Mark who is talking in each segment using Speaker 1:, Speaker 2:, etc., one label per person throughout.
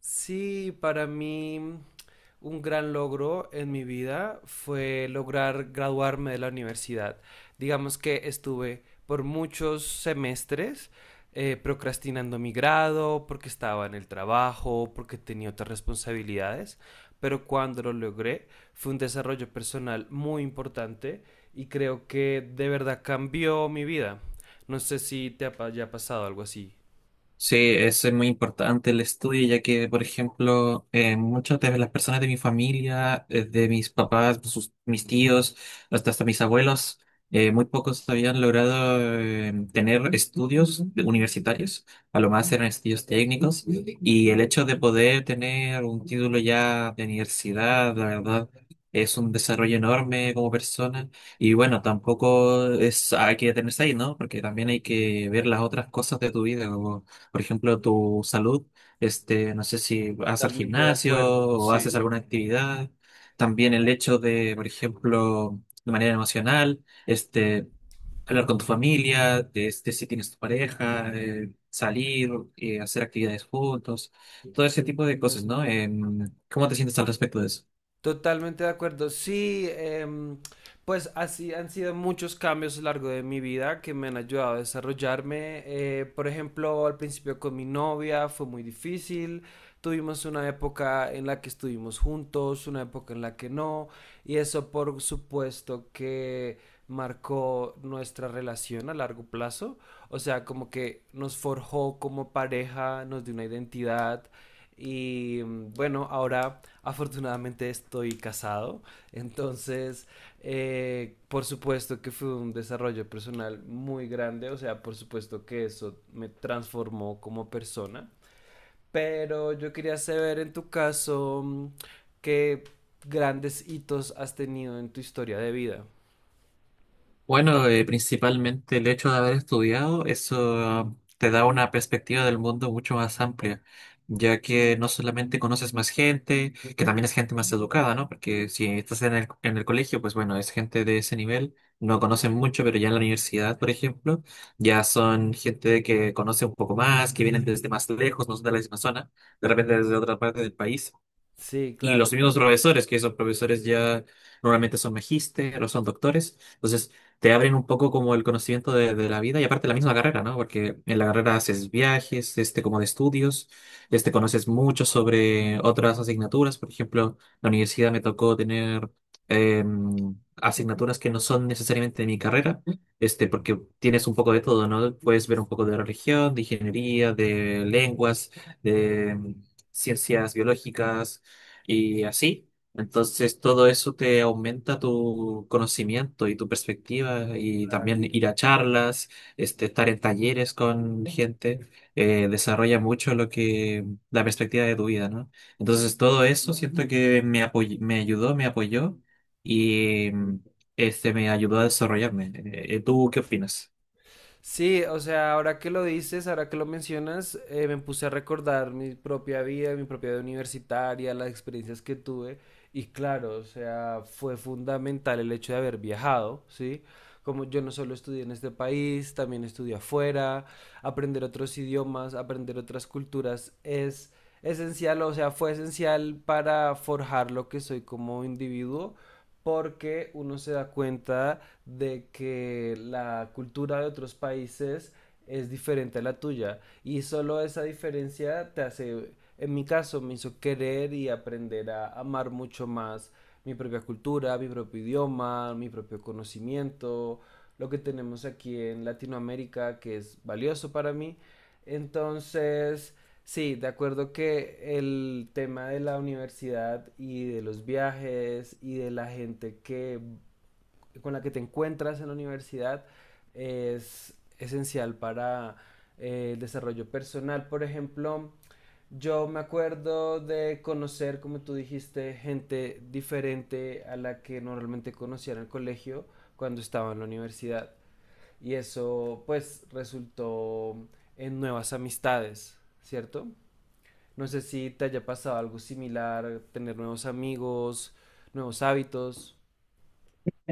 Speaker 1: Sí, para mí un gran logro en mi vida fue lograr graduarme de la universidad. Digamos que estuve por muchos semestres procrastinando mi grado porque estaba en el trabajo, porque tenía otras responsabilidades, pero cuando lo logré fue un desarrollo personal muy importante y creo que de verdad cambió mi vida. No sé si haya pasado algo así.
Speaker 2: Sí, eso es muy importante el estudio, ya que, por ejemplo, muchas de las personas de mi familia, de mis papás, mis tíos, hasta mis abuelos, muy pocos habían logrado tener estudios universitarios, a lo más eran estudios técnicos, y el hecho de poder tener un título ya de universidad, la verdad, es un desarrollo enorme como persona. Y bueno, tampoco es, hay que detenerse ahí, ¿no? Porque también hay que ver las otras cosas de tu vida, como por ejemplo, tu salud, no sé si vas al
Speaker 1: Totalmente de
Speaker 2: gimnasio
Speaker 1: acuerdo,
Speaker 2: o
Speaker 1: sí.
Speaker 2: haces alguna actividad, también el hecho de, por ejemplo, de manera emocional, hablar con tu familia, de, si tienes tu pareja, salir, hacer actividades juntos, todo ese tipo de cosas, ¿no? ¿Cómo te sientes al respecto de eso?
Speaker 1: Totalmente de acuerdo. Sí, pues así han sido muchos cambios a lo largo de mi vida que me han ayudado a desarrollarme. Por ejemplo, al principio con mi novia fue muy difícil. Tuvimos una época en la que estuvimos juntos, una época en la que no. Y eso por supuesto que marcó nuestra relación a largo plazo. O sea, como que nos forjó como pareja, nos dio una identidad. Y bueno, ahora... Afortunadamente estoy casado, entonces por supuesto que fue un desarrollo personal muy grande, o sea, por supuesto que eso me transformó como persona, pero yo quería saber en tu caso qué grandes hitos has tenido en tu historia de vida.
Speaker 2: Bueno, principalmente el hecho de haber estudiado, eso te da una perspectiva del mundo mucho más amplia, ya que no solamente conoces más gente, que también es gente más educada, ¿no? Porque si estás en el colegio, pues bueno, es gente de ese nivel, no conocen mucho, pero ya en la universidad, por ejemplo, ya son gente que conoce un poco más, que vienen desde más lejos, no son de la misma zona, de repente desde otra parte del país.
Speaker 1: Sí,
Speaker 2: Y los
Speaker 1: claro,
Speaker 2: mismos
Speaker 1: claro.
Speaker 2: profesores, que esos profesores ya normalmente son magíster o son doctores, entonces te abren un poco como el conocimiento de la vida y aparte la misma carrera, ¿no? Porque en la carrera haces viajes, este como de estudios, este conoces mucho sobre otras asignaturas, por ejemplo, la universidad me tocó tener eh, asignaturas que no son necesariamente de mi carrera, este porque tienes un poco de todo, ¿no? Puedes ver un poco de religión, de ingeniería, de lenguas, de ciencias biológicas y así. Entonces todo eso te aumenta tu conocimiento y tu perspectiva y también ir a charlas, este, estar en talleres con gente, desarrolla mucho lo que, la perspectiva de tu vida, ¿no? Entonces todo eso siento que me ayudó, me apoyó y este me ayudó a desarrollarme. ¿Tú qué opinas?
Speaker 1: Sí, o sea, ahora que lo dices, ahora que lo mencionas, me puse a recordar mi propia vida universitaria, las experiencias que tuve. Y claro, o sea, fue fundamental el hecho de haber viajado, ¿sí? Como yo no solo estudié en este país, también estudié afuera, aprender otros idiomas, aprender otras culturas es esencial, o sea, fue esencial para forjar lo que soy como individuo porque uno se da cuenta de que la cultura de otros países es diferente a la tuya y solo esa diferencia te hace, en mi caso, me hizo querer y aprender a amar mucho más mi propia cultura, mi propio idioma, mi propio conocimiento, lo que tenemos aquí en Latinoamérica que es valioso para mí. Entonces, sí, de acuerdo que el tema de la universidad y de los viajes y de la gente que con la que te encuentras en la universidad es esencial para el desarrollo personal. Por ejemplo, yo me acuerdo de conocer, como tú dijiste, gente diferente a la que normalmente conocía en el colegio cuando estaba en la universidad. Y eso pues resultó en nuevas amistades, ¿cierto? No sé si te haya pasado algo similar, tener nuevos amigos, nuevos hábitos.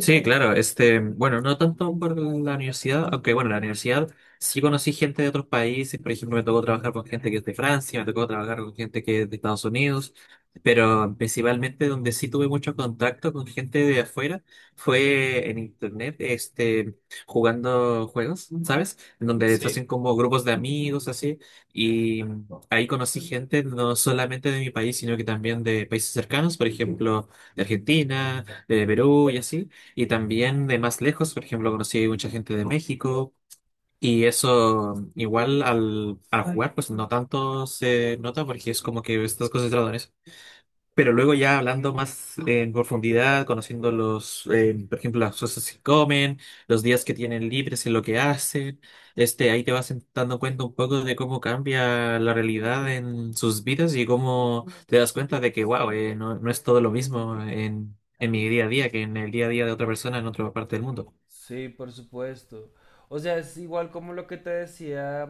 Speaker 2: Sí, claro, este, bueno, no tanto por la universidad, aunque bueno, la universidad sí conocí gente de otros países, por ejemplo, me tocó trabajar con gente que es de Francia, me tocó trabajar con gente que es de Estados Unidos, pero principalmente donde sí tuve mucho contacto con gente de afuera fue en internet, este, jugando juegos, ¿sabes? En donde se hacen como grupos de amigos, así, y ahí conocí gente no solamente de mi país, sino que también de países cercanos, por ejemplo, de Argentina, de Perú y así. Y también de más lejos, por ejemplo, conocí mucha gente de México y eso igual al jugar, pues no tanto se nota porque es como que estás concentrado en eso. Pero luego ya hablando más en profundidad, conociendo los, por ejemplo, las cosas que comen, los días que tienen libres y lo que hacen, este, ahí te vas dando cuenta un poco de cómo cambia la realidad en sus vidas y cómo te das cuenta de que, wow, no, no es todo lo mismo en mi día a día que en el día a día de otra persona en otra parte del mundo.
Speaker 1: Sí, por supuesto. O sea, es igual como lo que te decía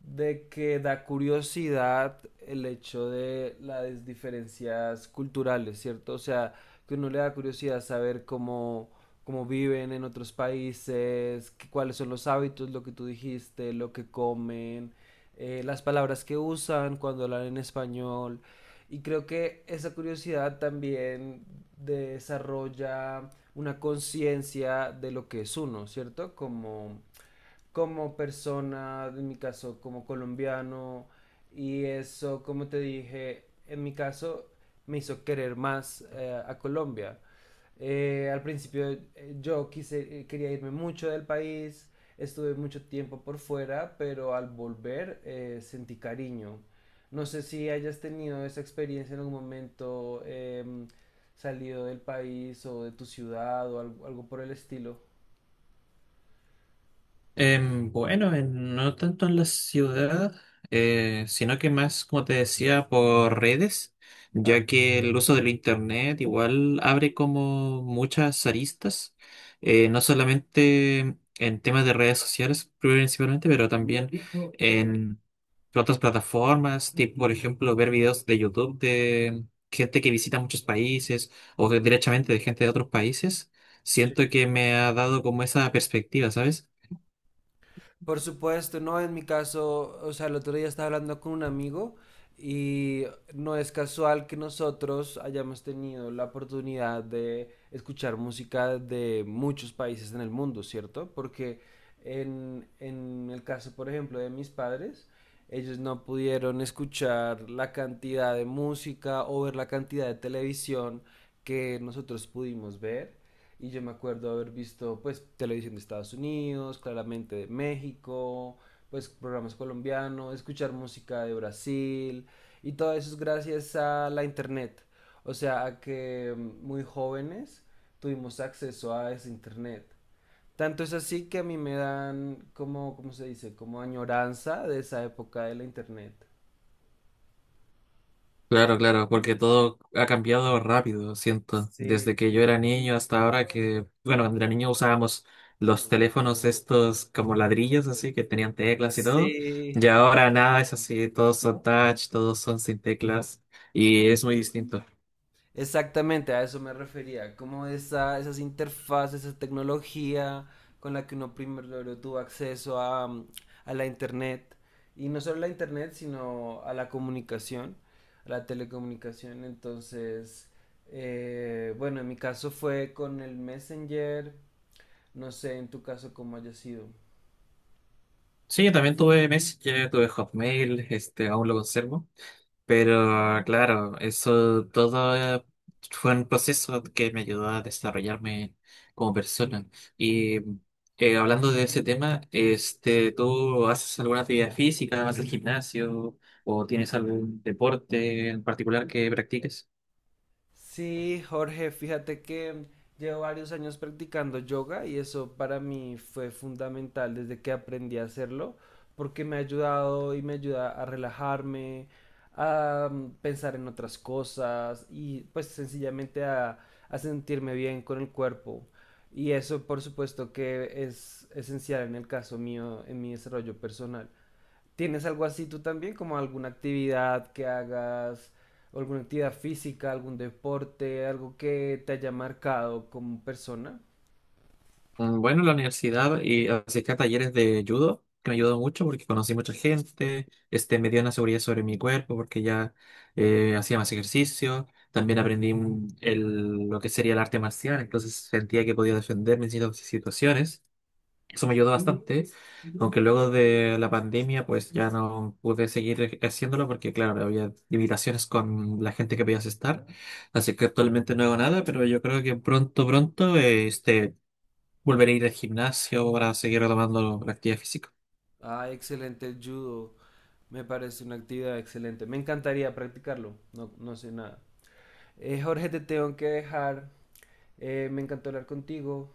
Speaker 1: de que da curiosidad el hecho de las diferencias culturales, ¿cierto? O sea, que uno le da curiosidad saber cómo, cómo viven en otros países, cuáles son los hábitos, lo que tú dijiste, lo que comen, las palabras que usan cuando hablan en español. Y creo que esa curiosidad también desarrolla una conciencia de lo que es uno, ¿cierto? Como, como persona, en mi caso, como colombiano, y eso, como te dije, en mi caso, me hizo querer más a Colombia. Al principio quería irme mucho del país, estuve mucho tiempo por fuera, pero al volver sentí cariño. No sé si hayas tenido esa experiencia en algún momento, salido del país o de tu ciudad o algo, algo por el estilo.
Speaker 2: Bueno, no tanto en la ciudad, sino que más, como te decía, por redes,
Speaker 1: Ah,
Speaker 2: ya que el uso del internet igual abre como muchas aristas, no solamente en temas de redes sociales principalmente, pero también en otras plataformas, tipo por ejemplo ver videos de YouTube de gente que visita muchos países o directamente de gente de otros países. Siento que me ha dado como esa perspectiva, ¿sabes?
Speaker 1: Por supuesto, no, en mi caso, o sea, el otro día estaba hablando con un amigo y no es casual que nosotros hayamos tenido la oportunidad de escuchar música de muchos países en el mundo, ¿cierto? Porque en el caso, por ejemplo, de mis padres, ellos no pudieron escuchar la cantidad de música o ver la cantidad de televisión que nosotros pudimos ver. Y yo me acuerdo haber visto pues televisión de Estados Unidos, claramente de México, pues programas colombianos, escuchar música de Brasil y todo eso es gracias a la internet. O sea, a que muy jóvenes tuvimos acceso a ese internet. Tanto es así que a mí me dan como, ¿cómo se dice? Como añoranza de esa época de la internet.
Speaker 2: Claro, claro, porque todo ha cambiado rápido, siento.
Speaker 1: Sí,
Speaker 2: Desde que yo era niño hasta ahora que, bueno, cuando era niño usábamos los teléfonos estos como ladrillos, así, que tenían teclas y todo. Y
Speaker 1: sí.
Speaker 2: ahora nada es así, todos son touch, todos son sin teclas. Y es muy distinto.
Speaker 1: Exactamente, a eso me refería, como esa, esas interfaces, esa tecnología con la que uno primero tuvo acceso a, a la internet, y no solo a la internet, sino a la comunicación, a la telecomunicación, entonces, bueno, en mi caso fue con el Messenger, no sé en tu caso cómo haya sido.
Speaker 2: Sí, yo también tuve Messenger, tuve Hotmail, este, aún lo conservo. Pero claro, eso todo fue un proceso que me ayudó a desarrollarme como persona. Y hablando de ese tema, este, ¿tú haces alguna actividad física, vas al gimnasio o tienes algún deporte en particular que practiques?
Speaker 1: Sí, Jorge, fíjate que llevo varios años practicando yoga y eso para mí fue fundamental desde que aprendí a hacerlo, porque me ha ayudado y me ayuda a relajarme, a pensar en otras cosas y pues sencillamente a sentirme bien con el cuerpo. Y eso por supuesto que es esencial en el caso mío, en mi desarrollo personal. ¿Tienes algo así tú también? Como alguna actividad que hagas, alguna actividad física, algún deporte, algo que te haya marcado como persona.
Speaker 2: Mm, bueno, la universidad y asistí a talleres de judo, que me ayudó mucho porque conocí mucha gente, este, me dio una seguridad sobre mi cuerpo porque ya hacía más ejercicio, también aprendí lo que sería el arte marcial, entonces sentía que podía defenderme en ciertas situaciones. Eso me ayudó bastante, aunque luego de la pandemia pues ya no pude seguir haciéndolo porque claro, había limitaciones con la gente que podías estar, así que actualmente no hago nada, pero yo creo que pronto, pronto, volver a ir al gimnasio para seguir retomando la actividad física.
Speaker 1: Ah, excelente el judo. Me parece una actividad excelente. Me encantaría practicarlo. No, no sé nada. Jorge, te tengo que dejar. Me encantó hablar contigo.